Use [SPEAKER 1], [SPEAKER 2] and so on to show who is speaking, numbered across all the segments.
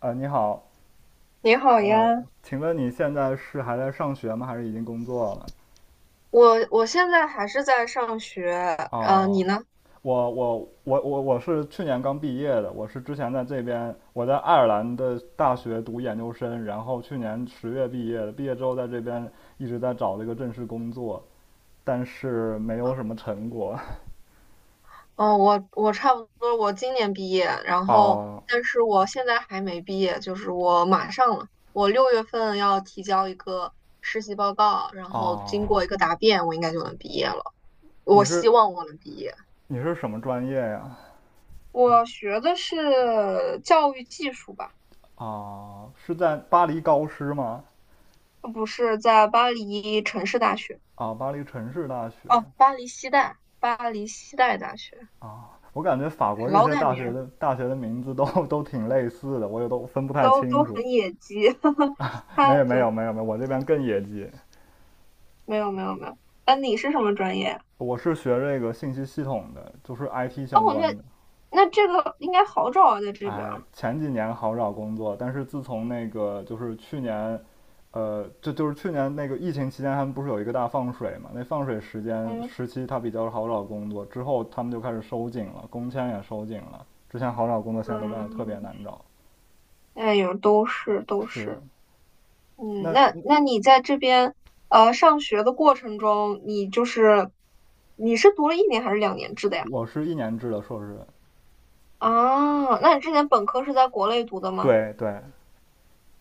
[SPEAKER 1] 你好。
[SPEAKER 2] 你好
[SPEAKER 1] 呃，
[SPEAKER 2] 呀。
[SPEAKER 1] 请问你现在是还在上学吗？还是已经工作了？
[SPEAKER 2] 我现在还是在上学。你
[SPEAKER 1] 哦，
[SPEAKER 2] 呢？
[SPEAKER 1] 我我我是去年刚毕业的，我是之前在这边，我在爱尔兰的大学读研究生，然后去年十月毕业的，毕业之后在这边一直在找这个正式工作，但是没有什么成果。
[SPEAKER 2] 哦，我差不多，我今年毕业，然后
[SPEAKER 1] 啊
[SPEAKER 2] 但是我现在还没毕业，就是我马上了，我六月份要提交一个实习报告，然后经
[SPEAKER 1] 啊。
[SPEAKER 2] 过一个答辩，我应该就能毕业了。我
[SPEAKER 1] 你
[SPEAKER 2] 希
[SPEAKER 1] 是
[SPEAKER 2] 望我能毕业。
[SPEAKER 1] 你是什么专业呀？
[SPEAKER 2] 我学的是教育技术吧。
[SPEAKER 1] 啊，是在巴黎高师吗？
[SPEAKER 2] 不是，在巴黎城市大学。
[SPEAKER 1] 啊，巴黎城市大学。
[SPEAKER 2] 哦，巴黎西带，巴黎西带大学，
[SPEAKER 1] 啊，我感觉法国这
[SPEAKER 2] 老
[SPEAKER 1] 些
[SPEAKER 2] 改名。
[SPEAKER 1] 大学的名字都 都挺类似的，我也都分不太
[SPEAKER 2] 都
[SPEAKER 1] 清
[SPEAKER 2] 都
[SPEAKER 1] 楚。
[SPEAKER 2] 很野鸡。
[SPEAKER 1] 没
[SPEAKER 2] 他
[SPEAKER 1] 有没有
[SPEAKER 2] 对，
[SPEAKER 1] 没有没有，我这边更野鸡。
[SPEAKER 2] 没有没有没有。啊，你是什么专业呀？
[SPEAKER 1] 我是学这个信息系统的，就是 IT 相
[SPEAKER 2] 哦，
[SPEAKER 1] 关
[SPEAKER 2] 那
[SPEAKER 1] 的。
[SPEAKER 2] 那这个应该好找啊，在这边儿。
[SPEAKER 1] 哎，前几年好找工作，但是自从那个就是去年，就是去年那个疫情期间，他们不是有一个大放水嘛？那放水
[SPEAKER 2] 嗯
[SPEAKER 1] 时期，它比较好找工作，之后他们就开始收紧了，工签也收紧了。之前好找工作，现在都变得特别
[SPEAKER 2] 嗯，
[SPEAKER 1] 难找。
[SPEAKER 2] 哎呦，都是都
[SPEAKER 1] 是。
[SPEAKER 2] 是。嗯，
[SPEAKER 1] 那
[SPEAKER 2] 那那你在这边上学的过程中，你就是你是读了一年还是两年制的呀？
[SPEAKER 1] 我是一年制的硕士。
[SPEAKER 2] 啊，那你之前本科是在国内读的吗？
[SPEAKER 1] 对对，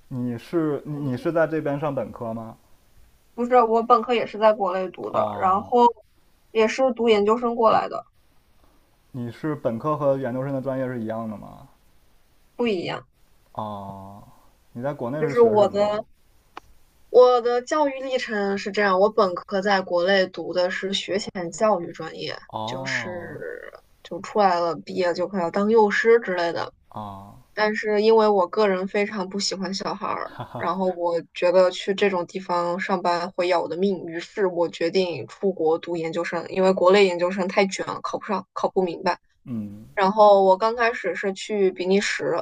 [SPEAKER 2] 嗯，
[SPEAKER 1] 你是在这边上本科吗？
[SPEAKER 2] 不是，我本科也是在国内读的，然
[SPEAKER 1] 哦，
[SPEAKER 2] 后也是读研究生过来的。
[SPEAKER 1] 你是本科和研究生的专业是一样的吗？
[SPEAKER 2] 不一样。
[SPEAKER 1] 哦，你在国内
[SPEAKER 2] 就
[SPEAKER 1] 是
[SPEAKER 2] 是
[SPEAKER 1] 学
[SPEAKER 2] 我
[SPEAKER 1] 什么的？
[SPEAKER 2] 的。我的教育历程是这样，我本科在国内读的是学前教育专业，就
[SPEAKER 1] 哦，
[SPEAKER 2] 是就出来了，毕业就快要当幼师之类的。
[SPEAKER 1] 啊，
[SPEAKER 2] 但是因为我个人非常不喜欢小孩儿，然后我觉得去这种地方上班会要我的命，于是我决定出国读研究生，因为国内研究生太卷了，考不上，考不明白。
[SPEAKER 1] 嗯，
[SPEAKER 2] 然后我刚开始是去比利时，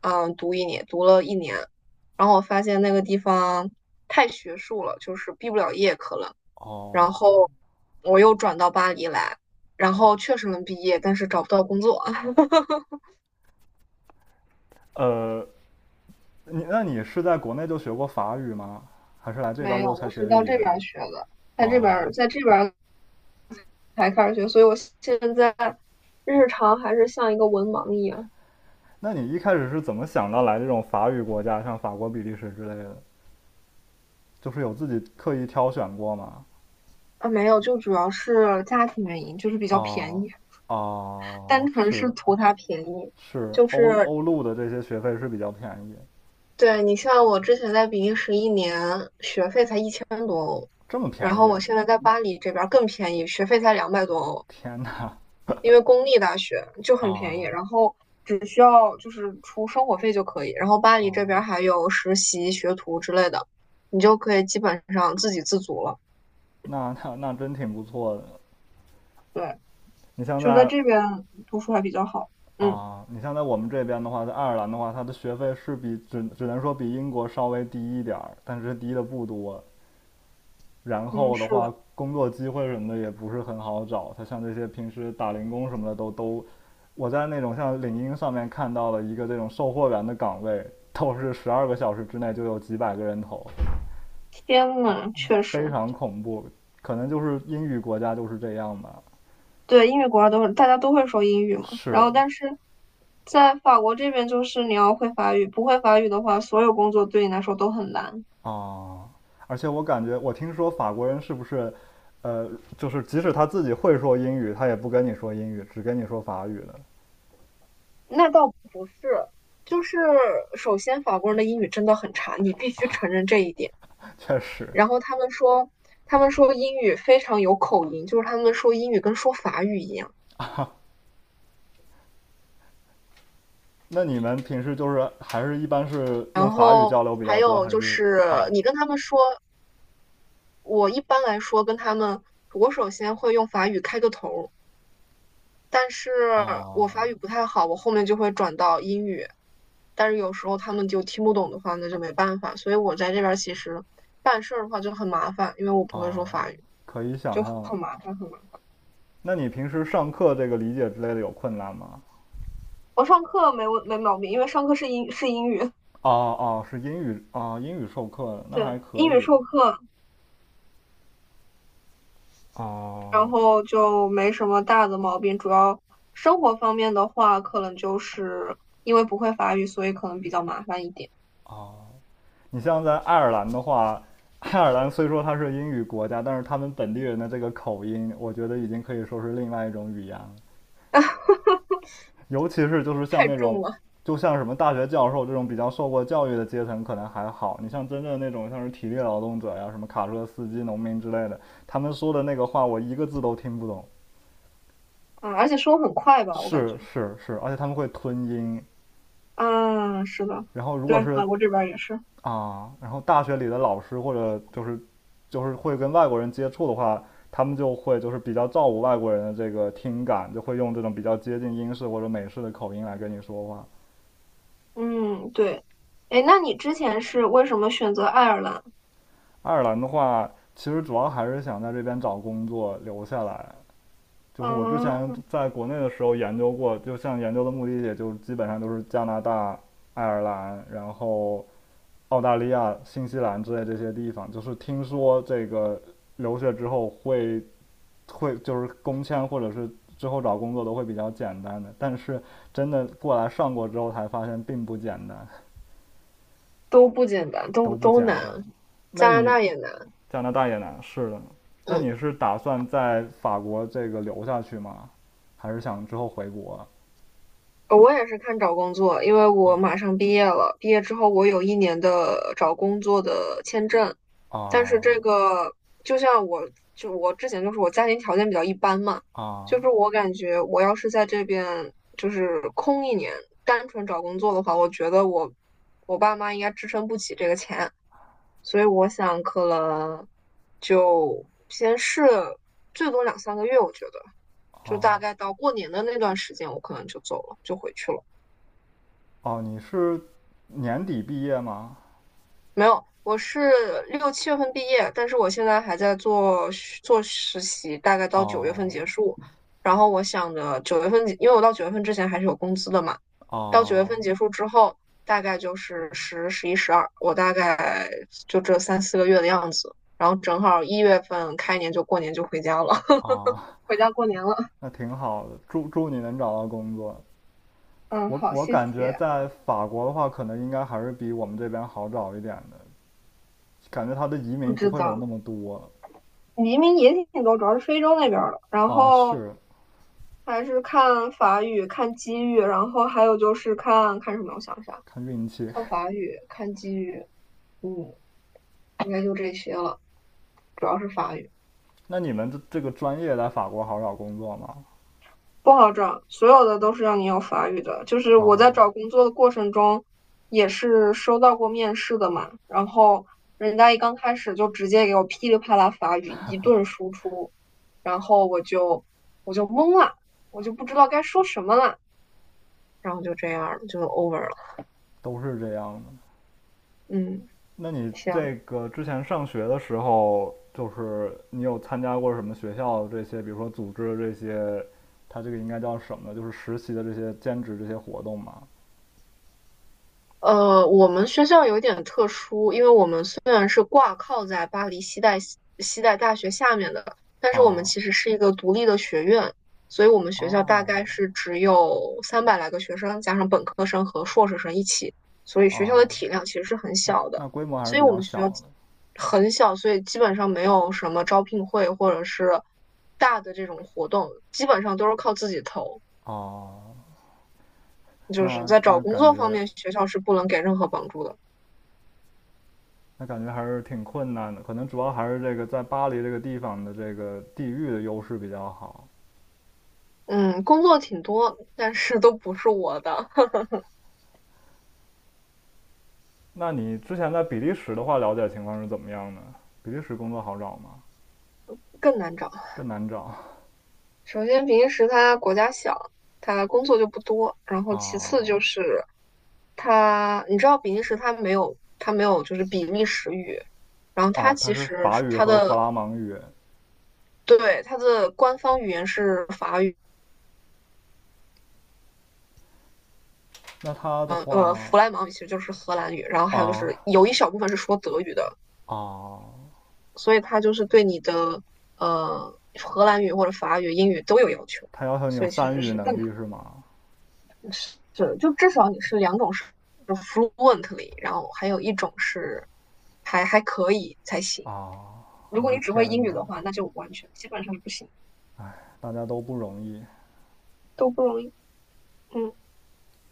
[SPEAKER 2] 嗯，读一年，读了一年，然后我发现那个地方太学术了，就是毕不了业可能。然
[SPEAKER 1] 哦，
[SPEAKER 2] 后我又转到巴黎来，然后确实能毕业，但是找不到工作。
[SPEAKER 1] 呃，那你是在国内就学过法语吗？还是来这边
[SPEAKER 2] 没
[SPEAKER 1] 之
[SPEAKER 2] 有，
[SPEAKER 1] 后才
[SPEAKER 2] 我
[SPEAKER 1] 学
[SPEAKER 2] 是
[SPEAKER 1] 的
[SPEAKER 2] 到
[SPEAKER 1] 语
[SPEAKER 2] 这
[SPEAKER 1] 言？
[SPEAKER 2] 边儿学的，在这边
[SPEAKER 1] 哦，
[SPEAKER 2] 儿，在这边儿才开始学，所以我现在日常还是像一个文盲一样。
[SPEAKER 1] 那你一开始是怎么想到来这种法语国家，像法国、比利时之类的？就是有自己刻意挑选过吗？
[SPEAKER 2] 啊，没有，就主要是家庭原因，就是比较便
[SPEAKER 1] 哦。
[SPEAKER 2] 宜，单
[SPEAKER 1] 哦，
[SPEAKER 2] 纯是
[SPEAKER 1] 是。
[SPEAKER 2] 图它便宜，
[SPEAKER 1] 是，
[SPEAKER 2] 就是
[SPEAKER 1] 欧陆的这些学费是比较便宜。
[SPEAKER 2] 对，你像我之前在比利时一年学费才一，
[SPEAKER 1] 这么
[SPEAKER 2] 然
[SPEAKER 1] 便
[SPEAKER 2] 后
[SPEAKER 1] 宜。
[SPEAKER 2] 我现在在巴黎这边儿更便宜，学费才200多欧，
[SPEAKER 1] 天呐！
[SPEAKER 2] 因为公立大学就很便宜，
[SPEAKER 1] 啊。
[SPEAKER 2] 然后只需要就是出生活费就可以。然后巴黎这
[SPEAKER 1] 哦，
[SPEAKER 2] 边儿还有实习、学徒之类的，你就可以基本上自给自足了。
[SPEAKER 1] 那那真挺不错的。
[SPEAKER 2] 对，
[SPEAKER 1] 你像
[SPEAKER 2] 就在
[SPEAKER 1] 在
[SPEAKER 2] 这边读书还比较好。嗯
[SPEAKER 1] 啊，你像在我们这边的话，在爱尔兰的话，它的学费是比只能说比英国稍微低一点儿，但是低的不多。然
[SPEAKER 2] 嗯，
[SPEAKER 1] 后的
[SPEAKER 2] 是
[SPEAKER 1] 话，
[SPEAKER 2] 的，
[SPEAKER 1] 工作机会什么的也不是很好找。他像这些平时打零工什么的都。我在那种像领英上面看到了一个这种售货员的岗位，都是十二个小时之内就有几百个人投，
[SPEAKER 2] 天呐，确实。
[SPEAKER 1] 非常恐怖。可能就是英语国家就是这样吧。
[SPEAKER 2] 对，英语国家都大家都会说英语嘛。然
[SPEAKER 1] 是。
[SPEAKER 2] 后，但是在法国这边，就是你要会法语，不会法语的话，所有工作对你来说都很难。
[SPEAKER 1] 啊，而且我感觉，我听说法国人是不是，呃，就是即使他自己会说英语，他也不跟你说英语，只跟你说法语的。
[SPEAKER 2] 那倒就是首先，法国人的英语真的很差，你必须承认这一点。
[SPEAKER 1] 确实。
[SPEAKER 2] 然后他们说，他们说英语非常有口音，就是他们说英语跟说法语一样。
[SPEAKER 1] 那你们平时就是还是一般是用法语交流比
[SPEAKER 2] 还
[SPEAKER 1] 较多，
[SPEAKER 2] 有
[SPEAKER 1] 还
[SPEAKER 2] 就
[SPEAKER 1] 是？
[SPEAKER 2] 是
[SPEAKER 1] 啊。
[SPEAKER 2] 你跟他们说，我一般来说跟他们，我首先会用法语开个头，但是我
[SPEAKER 1] 啊。
[SPEAKER 2] 法语不太好，我后面就会转到英语。但是有时候他们就听不懂的话，那就没办法。所以我在这边其实办事儿的话就很麻烦，因为我不会说
[SPEAKER 1] 啊？
[SPEAKER 2] 法语，
[SPEAKER 1] 可以
[SPEAKER 2] 就
[SPEAKER 1] 想象。
[SPEAKER 2] 很麻烦，很麻烦。
[SPEAKER 1] 那你平时上课这个理解之类的有困难吗？
[SPEAKER 2] 我上课没问没毛病，因为上课是英语。
[SPEAKER 1] 哦。哦，是英语啊，英语授课那还
[SPEAKER 2] 对，
[SPEAKER 1] 可
[SPEAKER 2] 英语
[SPEAKER 1] 以。
[SPEAKER 2] 授课，然
[SPEAKER 1] 哦。
[SPEAKER 2] 后就没什么大的毛病。主要生活方面的话，可能就是因为不会法语，所以可能比较麻烦一点。
[SPEAKER 1] 哦，你像在爱尔兰的话，爱尔兰虽说它是英语国家，但是他们本地人的这个口音，我觉得已经可以说是另外一种语言了。尤其是就是像
[SPEAKER 2] 太
[SPEAKER 1] 那
[SPEAKER 2] 重
[SPEAKER 1] 种，
[SPEAKER 2] 了！
[SPEAKER 1] 就像什么大学教授这种比较受过教育的阶层可能还好，你像真正那种像是体力劳动者呀、什么卡车司机、农民之类的，他们说的那个话我一个字都听不懂。
[SPEAKER 2] 啊，而且说很快吧，我感
[SPEAKER 1] 是
[SPEAKER 2] 觉。
[SPEAKER 1] 是是，而且他们会吞音。
[SPEAKER 2] 嗯，是的。
[SPEAKER 1] 然后如果
[SPEAKER 2] 对，
[SPEAKER 1] 是
[SPEAKER 2] 法国这边儿也是。
[SPEAKER 1] 啊，然后大学里的老师或者就是会跟外国人接触的话，他们就会就是比较照顾外国人的这个听感，就会用这种比较接近英式或者美式的口音来跟你说话。
[SPEAKER 2] 嗯，对。哎，那你之前是为什么选择爱尔兰？
[SPEAKER 1] 爱尔兰的话，其实主要还是想在这边找工作留下来。就是我之前
[SPEAKER 2] 嗯，
[SPEAKER 1] 在国内的时候研究过，就像研究的目的也就基本上都是加拿大、爱尔兰，然后澳大利亚、新西兰之类这些地方。就是听说这个留学之后会就是工签或者是之后找工作都会比较简单的，但是真的过来上过之后才发现并不简单，
[SPEAKER 2] 都不简单，
[SPEAKER 1] 都
[SPEAKER 2] 都
[SPEAKER 1] 不
[SPEAKER 2] 都
[SPEAKER 1] 简
[SPEAKER 2] 难。
[SPEAKER 1] 单。那
[SPEAKER 2] 加拿
[SPEAKER 1] 你
[SPEAKER 2] 大也难。
[SPEAKER 1] 加拿大也难，是的。那
[SPEAKER 2] 嗯。
[SPEAKER 1] 你是打算在法国这个留下去吗？还是想之后回国？
[SPEAKER 2] 我也是看找工作，因为我
[SPEAKER 1] 啊。
[SPEAKER 2] 马上毕业了。毕业之后，我有一年的找工作的签证，但是
[SPEAKER 1] 啊。
[SPEAKER 2] 这个就像我，就我之前就是我家庭条件比较一般嘛，
[SPEAKER 1] 啊。
[SPEAKER 2] 就是我感觉我要是在这边就是空一年，单纯找工作的话，我觉得我我爸妈应该支撑不起这个钱，所以我想可能就先试最多两三个月，我觉得就大
[SPEAKER 1] 啊！
[SPEAKER 2] 概到过年的那段时间，我可能就走了，就回去了。
[SPEAKER 1] 哦，你是年底毕业吗？
[SPEAKER 2] 没有，我是六七月份毕业，但是我现在还在做实习，大概到九月份
[SPEAKER 1] 哦。
[SPEAKER 2] 结束。然后我想着九月份，因为我到九月份之前还是有工资的嘛，到九月
[SPEAKER 1] 哦。
[SPEAKER 2] 份结束之后，大概就是十、十一、十二，我大概就这三四个月的样子。然后正好一月份开年就过年就回家了。
[SPEAKER 1] 哦，
[SPEAKER 2] 回家过年了。
[SPEAKER 1] 那挺好的，祝你能找到工作。
[SPEAKER 2] 嗯，
[SPEAKER 1] 我
[SPEAKER 2] 好，
[SPEAKER 1] 我
[SPEAKER 2] 谢
[SPEAKER 1] 感觉
[SPEAKER 2] 谢。
[SPEAKER 1] 在法国的话，可能应该还是比我们这边好找一点的，感觉他的移
[SPEAKER 2] 不
[SPEAKER 1] 民不
[SPEAKER 2] 知
[SPEAKER 1] 会有那
[SPEAKER 2] 道。
[SPEAKER 1] 么多。
[SPEAKER 2] 移民也挺多，主要是非洲那边儿的。然
[SPEAKER 1] 啊，
[SPEAKER 2] 后
[SPEAKER 1] 是。
[SPEAKER 2] 还是看法语、看机遇，然后还有就是看看什么？我想一下，
[SPEAKER 1] 看运气。
[SPEAKER 2] 看法语、看机遇，嗯，应该就这些了，主要是法语。
[SPEAKER 1] 那你们这个专业在法国好找工作吗？
[SPEAKER 2] 不好找，所有的都是要你有法语的。就是我在找
[SPEAKER 1] 哦，
[SPEAKER 2] 工作的过程中，也是收到过面试的嘛，然后人家一刚开始就直接给我噼里啪啦法语一顿输出，然后我就懵了，我就不知道该说什么了，然后就这样就 over 了。
[SPEAKER 1] 都是这样的。
[SPEAKER 2] 嗯，
[SPEAKER 1] 那你
[SPEAKER 2] 行。
[SPEAKER 1] 这个之前上学的时候，就是你有参加过什么学校这些，比如说组织这些，它这个应该叫什么就是实习的这些兼职这些活动吗？
[SPEAKER 2] 我们学校有点特殊，因为我们虽然是挂靠在巴黎西代西西代大学下面的，但是我们
[SPEAKER 1] 啊。
[SPEAKER 2] 其实是一个独立的学院，所以我们学校大概
[SPEAKER 1] 哦。
[SPEAKER 2] 是只有300来个学生，加上本科生和硕士生一起，所以学校的
[SPEAKER 1] 哦，
[SPEAKER 2] 体量其实是很
[SPEAKER 1] 那
[SPEAKER 2] 小的。
[SPEAKER 1] 那规模还是
[SPEAKER 2] 所以
[SPEAKER 1] 比
[SPEAKER 2] 我
[SPEAKER 1] 较
[SPEAKER 2] 们学
[SPEAKER 1] 小
[SPEAKER 2] 校
[SPEAKER 1] 的。
[SPEAKER 2] 很小，所以基本上没有什么招聘会或者是大的这种活动，基本上都是靠自己投。
[SPEAKER 1] 哦，
[SPEAKER 2] 就是
[SPEAKER 1] 那
[SPEAKER 2] 在找
[SPEAKER 1] 那
[SPEAKER 2] 工
[SPEAKER 1] 感
[SPEAKER 2] 作方
[SPEAKER 1] 觉
[SPEAKER 2] 面，学校是不能给任何帮助的。
[SPEAKER 1] 还是挺困难的，可能主要还是这个在巴黎这个地方的这个地域的优势比较好。
[SPEAKER 2] 嗯，工作挺多，但是都不是我的。
[SPEAKER 1] 那你之前在比利时的话，了解情况是怎么样的？比利时工作好找吗？
[SPEAKER 2] 更难找。
[SPEAKER 1] 更难找。
[SPEAKER 2] 首先，比利时它国家小，它工作就不多。然后，其
[SPEAKER 1] 啊。
[SPEAKER 2] 次就是它，你知道比利时它没有，它没有就是比利时语，然后
[SPEAKER 1] 啊！
[SPEAKER 2] 它
[SPEAKER 1] 它
[SPEAKER 2] 其
[SPEAKER 1] 是
[SPEAKER 2] 实
[SPEAKER 1] 法
[SPEAKER 2] 是
[SPEAKER 1] 语
[SPEAKER 2] 它
[SPEAKER 1] 和弗
[SPEAKER 2] 的
[SPEAKER 1] 拉芒语。
[SPEAKER 2] 对它的官方语言是法语。
[SPEAKER 1] 那它的话，
[SPEAKER 2] 弗莱芒语其实就是荷兰语，然后还有就
[SPEAKER 1] 啊。
[SPEAKER 2] 是有一小部分是说德语的，
[SPEAKER 1] 啊，
[SPEAKER 2] 所以它就是对你的荷兰语或者法语、英语都有要求，
[SPEAKER 1] 它要求你有
[SPEAKER 2] 所以其
[SPEAKER 1] 三
[SPEAKER 2] 实
[SPEAKER 1] 语
[SPEAKER 2] 是
[SPEAKER 1] 能
[SPEAKER 2] 更难。
[SPEAKER 1] 力是吗？
[SPEAKER 2] 是，就至少你是两种是 fluently,然后还有一种是还可以才行。
[SPEAKER 1] 啊，
[SPEAKER 2] 如
[SPEAKER 1] 我
[SPEAKER 2] 果你
[SPEAKER 1] 的
[SPEAKER 2] 只会
[SPEAKER 1] 天
[SPEAKER 2] 英语
[SPEAKER 1] 呐。
[SPEAKER 2] 的话，那就完全基本上是不行。
[SPEAKER 1] 哎，大家都不容易。
[SPEAKER 2] 都不容易。嗯。